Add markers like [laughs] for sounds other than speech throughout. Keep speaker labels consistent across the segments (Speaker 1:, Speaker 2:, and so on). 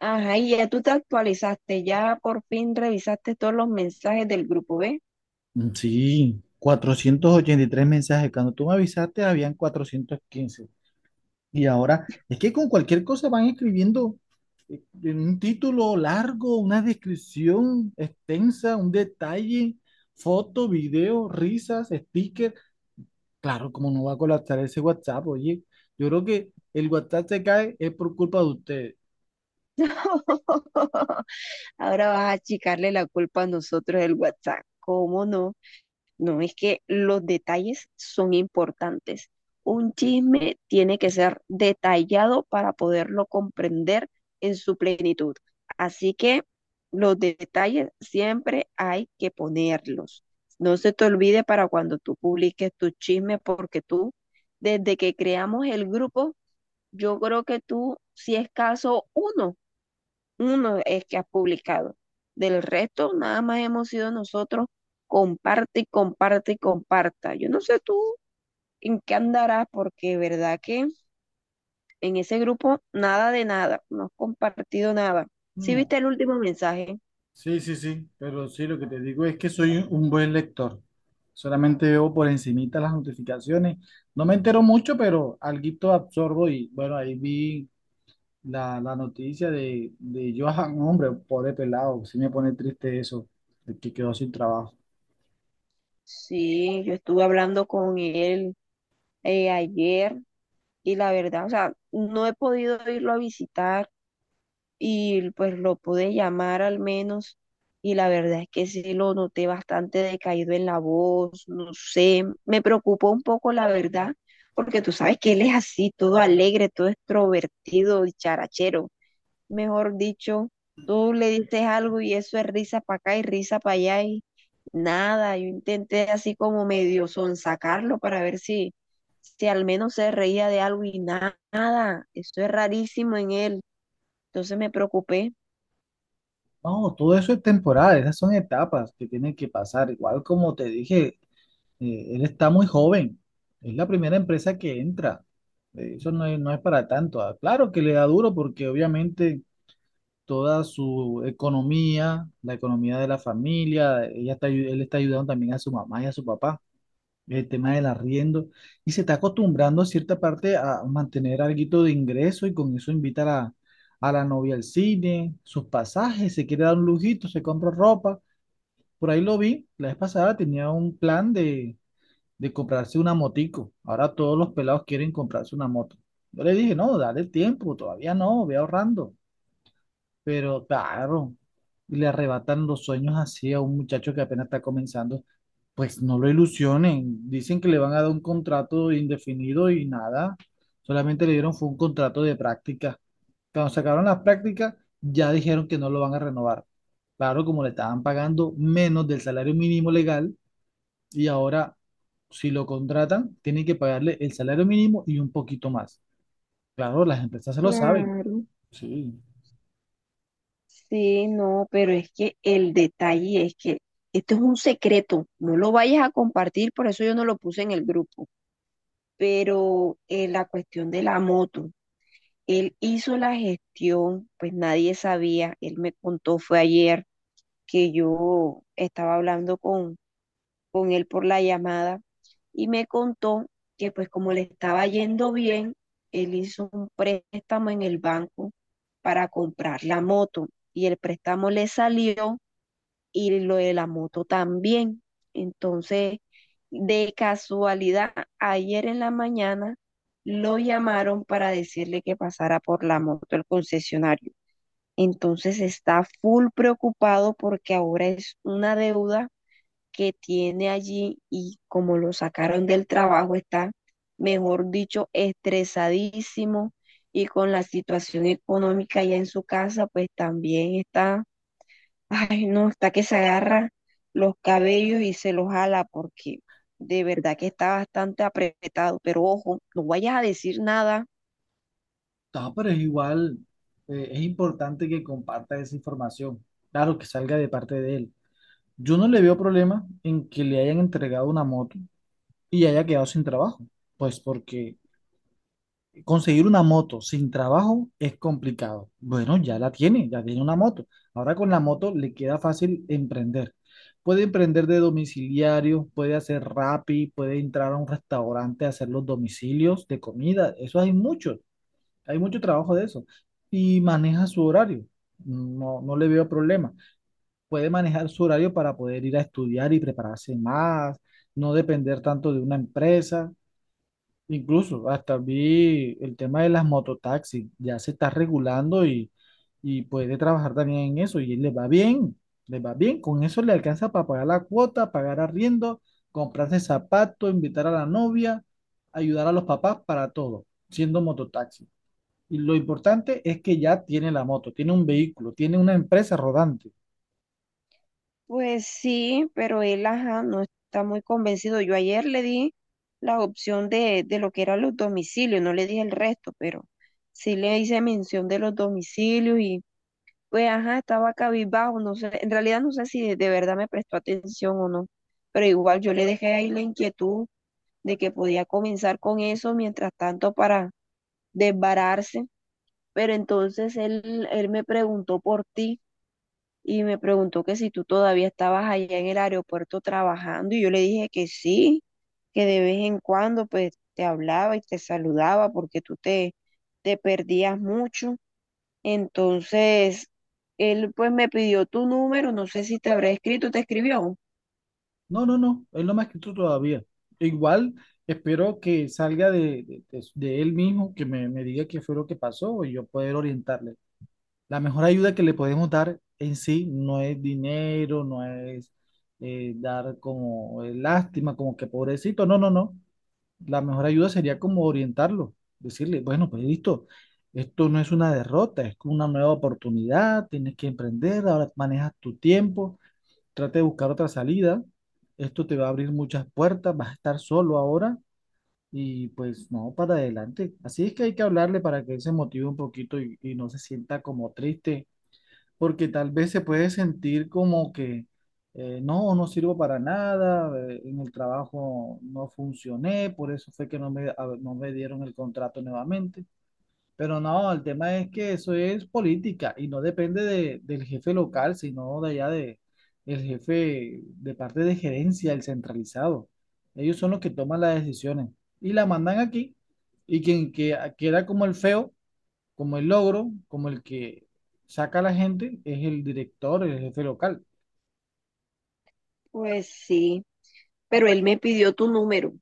Speaker 1: Ajá, y ya tú te actualizaste, ya por fin revisaste todos los mensajes del grupo, ¿ves?
Speaker 2: Sí, 483 mensajes. Cuando tú me avisaste, habían 415. Y ahora, es que con cualquier cosa van escribiendo, eh, un título largo, una descripción extensa, un detalle, foto, video, risas, sticker. Claro, como no va a colapsar ese WhatsApp, oye. Yo creo que el WhatsApp se cae es por culpa de ustedes.
Speaker 1: [laughs] Ahora vas a achicarle la culpa a nosotros del WhatsApp. ¿Cómo no? No, es que los detalles son importantes. Un chisme tiene que ser detallado para poderlo comprender en su plenitud. Así que los detalles siempre hay que ponerlos. No se te olvide para cuando tú publiques tus chismes, porque tú, desde que creamos el grupo, yo creo que tú, si es caso, uno es que has publicado. Del resto, nada más hemos sido nosotros, comparte y comparte y comparta. Yo no sé tú en qué andarás, porque verdad que en ese grupo nada de nada, no has compartido nada. ¿Sí
Speaker 2: Mm.
Speaker 1: viste el último mensaje?
Speaker 2: Sí, sí, sí, pero sí, lo que te digo es que soy un buen lector. Solamente veo por encimita las notificaciones. No me entero mucho, pero alguito absorbo y bueno, ahí vi la noticia de Johan, hombre, pobre pelado, sí me pone triste eso, de que quedó sin trabajo.
Speaker 1: Sí, yo estuve hablando con él ayer y la verdad, o sea, no he podido irlo a visitar y pues lo pude llamar al menos y la verdad es que sí lo noté bastante decaído en la voz, no sé, me preocupó un poco la verdad, porque tú sabes que él es así, todo alegre, todo extrovertido y charachero, mejor dicho, tú le dices algo y eso es risa para acá y risa para allá y nada, yo intenté así como medio sonsacarlo para ver si... Si al menos se reía de algo y nada, eso es rarísimo en él. Entonces me preocupé.
Speaker 2: No, todo eso es temporal, esas son etapas que tienen que pasar. Igual como te dije, él está muy joven, es la primera empresa que entra. Eso no es para tanto. Ah, claro que le da duro porque obviamente toda su economía, la economía de la familia, él está ayudando también a su mamá y a su papá, el tema del arriendo, y se está acostumbrando a cierta parte a mantener algo de ingreso y con eso invitar a la novia al cine, sus pasajes, se quiere dar un lujito, se compra ropa, por ahí lo vi, la vez pasada tenía un plan de comprarse una motico, ahora todos los pelados quieren comprarse una moto. Yo le dije, no, dale tiempo, todavía no, ve ahorrando. Pero claro, y le arrebatan los sueños así a un muchacho que apenas está comenzando, pues no lo ilusionen. Dicen que le van a dar un contrato indefinido y nada. Solamente le dieron fue un contrato de práctica. Cuando sacaron las prácticas, ya dijeron que no lo van a renovar. Claro, como le estaban pagando menos del salario mínimo legal y ahora si lo contratan, tienen que pagarle el salario mínimo y un poquito más. Claro, las empresas se lo saben.
Speaker 1: Claro.
Speaker 2: Sí.
Speaker 1: Sí, no, pero es que el detalle es que esto es un secreto, no lo vayas a compartir, por eso yo no lo puse en el grupo. Pero la cuestión de la moto, él hizo la gestión, pues nadie sabía, él me contó, fue ayer que yo estaba hablando con él por la llamada. Y me contó que pues como le estaba yendo bien, él hizo un préstamo en el banco para comprar la moto y el préstamo le salió y lo de la moto también. Entonces, de casualidad, ayer en la mañana lo llamaron para decirle que pasara por la moto el concesionario. Entonces está full preocupado porque ahora es una deuda que tiene allí y como lo sacaron del trabajo, está, mejor dicho, estresadísimo y con la situación económica ya en su casa, pues también está, [laughs] ay no, está que se agarra los cabellos y se los jala porque de verdad que está bastante apretado, pero ojo, no vayas a decir nada.
Speaker 2: No, pero es igual, es importante que comparta esa información. Claro, que salga de parte de él. Yo no le veo problema en que le hayan entregado una moto y haya quedado sin trabajo. Pues porque conseguir una moto sin trabajo es complicado. Bueno, ya la tiene, ya tiene una moto. Ahora con la moto le queda fácil emprender. Puede emprender de domiciliario, puede hacer Rappi, puede entrar a un restaurante a hacer los domicilios de comida. Eso hay muchos. Hay mucho trabajo de eso. Y maneja su horario. No, no le veo problema. Puede manejar su horario para poder ir a estudiar y prepararse más, no depender tanto de una empresa. Incluso hasta vi el tema de las mototaxis. Ya se está regulando y puede trabajar también en eso. Y le va bien, le va bien. Con eso le alcanza para pagar la cuota, pagar arriendo, comprarse zapatos, invitar a la novia, ayudar a los papás para todo, siendo mototaxi. Y lo importante es que ya tiene la moto, tiene un vehículo, tiene una empresa rodante.
Speaker 1: Pues sí, pero él, ajá, no está muy convencido. Yo ayer le di la opción de lo que eran los domicilios, no le dije el resto, pero sí le hice mención de los domicilios y pues, ajá, estaba cabizbajo, no sé, en realidad no sé si de verdad me prestó atención o no, pero igual yo le dejé ahí la inquietud de que podía comenzar con eso mientras tanto para desbararse, pero entonces él me preguntó por ti y me preguntó que si tú todavía estabas allá en el aeropuerto trabajando y yo le dije que sí, que de vez en cuando pues te hablaba y te saludaba porque tú te perdías mucho. Entonces, él pues me pidió tu número, no sé si te habrá escrito, ¿te escribió?
Speaker 2: No, no, no, él no me ha escrito todavía. Igual espero que salga de él mismo, que me diga qué fue lo que pasó y yo poder orientarle. La mejor ayuda que le podemos dar en sí no es dinero, no es dar como lástima, como que pobrecito, no, no, no. La mejor ayuda sería como orientarlo, decirle, bueno, pues listo, esto no es una derrota, es una nueva oportunidad, tienes que emprender, ahora manejas tu tiempo, trata de buscar otra salida, esto te va a abrir muchas puertas, vas a estar solo ahora y pues no, para adelante. Así es que hay que hablarle para que él se motive un poquito y no se sienta como triste porque tal vez se puede sentir como que no, no sirvo para nada, en el trabajo no funcioné, por eso fue que no me dieron el contrato nuevamente. Pero no, el tema es que eso es política y no depende del jefe local, sino de allá del jefe de parte de gerencia, el centralizado. Ellos son los que toman las decisiones y la mandan aquí y queda como el feo, como el logro, como el que saca a la gente, es el director, el jefe local.
Speaker 1: Pues sí. Pero él me pidió tu número.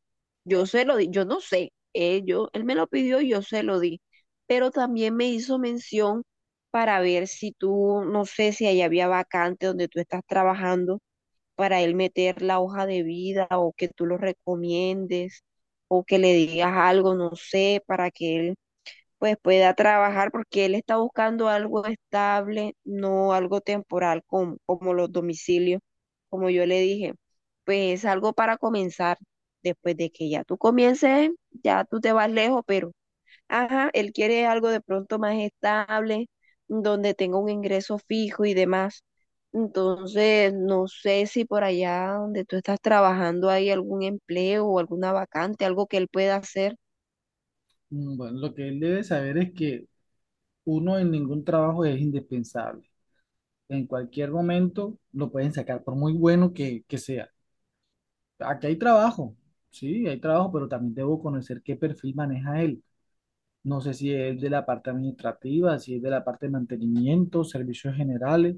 Speaker 1: Yo se lo di, yo no sé, él me lo pidió y yo se lo di, pero también me hizo mención para ver si tú, no sé si ahí había vacante donde tú estás trabajando, para él meter la hoja de vida o que tú lo recomiendes o que le digas algo, no sé, para que él pues pueda trabajar porque él está buscando algo estable, no algo temporal como los domicilios, como yo le dije, pues es algo para comenzar. Después de que ya tú comiences, ya tú te vas lejos, pero ajá, él quiere algo de pronto más estable, donde tenga un ingreso fijo y demás. Entonces, no sé si por allá donde tú estás trabajando hay algún empleo o alguna vacante, algo que él pueda hacer.
Speaker 2: Bueno, lo que él debe saber es que uno en ningún trabajo es indispensable. En cualquier momento lo pueden sacar, por muy bueno que sea. Aquí hay trabajo, sí, hay trabajo, pero también debo conocer qué perfil maneja él. No sé si es de la parte administrativa, si es de la parte de mantenimiento, servicios generales.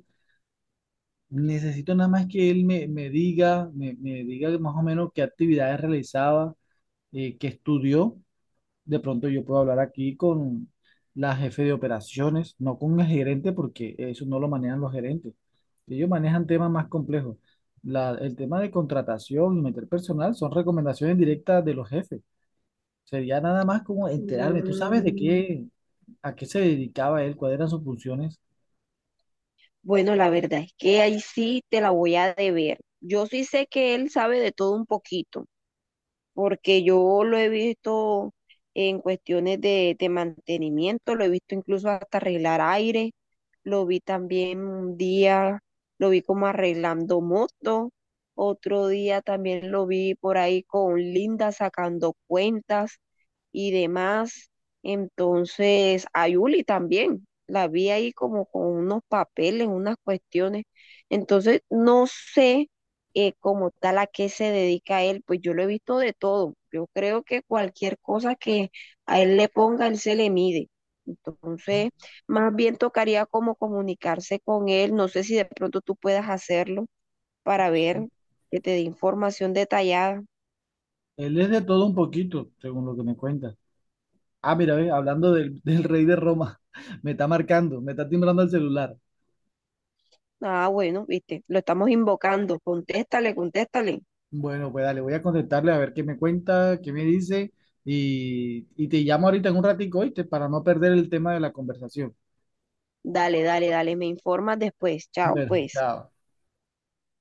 Speaker 2: Necesito nada más que él me diga, me diga más o menos qué actividades realizaba, que estudió. De pronto yo puedo hablar aquí con la jefe de operaciones, no con el gerente, porque eso no lo manejan los gerentes. Ellos manejan temas más complejos. El tema de contratación y meter personal son recomendaciones directas de los jefes. Sería nada más como enterarme. ¿Tú sabes de
Speaker 1: Mm.
Speaker 2: qué, a qué se dedicaba él, cuáles eran sus funciones?
Speaker 1: Bueno, la verdad es que ahí sí te la voy a deber. Yo sí sé que él sabe de todo un poquito, porque yo lo he visto en cuestiones de mantenimiento, lo he visto incluso hasta arreglar aire, lo vi también un día, lo vi como arreglando moto, otro día también lo vi por ahí con Linda sacando cuentas y demás. Entonces, a Yuli también, la vi ahí como con unos papeles, unas cuestiones. Entonces, no sé como tal a qué se dedica él, pues yo lo he visto de todo. Yo creo que cualquier cosa que a él le ponga, él se le mide.
Speaker 2: No,
Speaker 1: Entonces, más bien tocaría como comunicarse con él. No sé si de pronto tú puedas hacerlo para
Speaker 2: sí.
Speaker 1: ver que te dé información detallada.
Speaker 2: Él es de todo un poquito, según lo que me cuentas. Ah, mira, ve, hablando del rey de Roma, [laughs] me está marcando, me está timbrando el celular.
Speaker 1: Ah, bueno, viste, lo estamos invocando. Contéstale, contéstale.
Speaker 2: Bueno, pues dale, voy a contestarle a ver qué me cuenta, qué me dice y te llamo ahorita en un ratico, ¿oíste? Para no perder el tema de la conversación.
Speaker 1: Dale, dale, dale, me informas después. Chao,
Speaker 2: Bueno,
Speaker 1: pues.
Speaker 2: chao.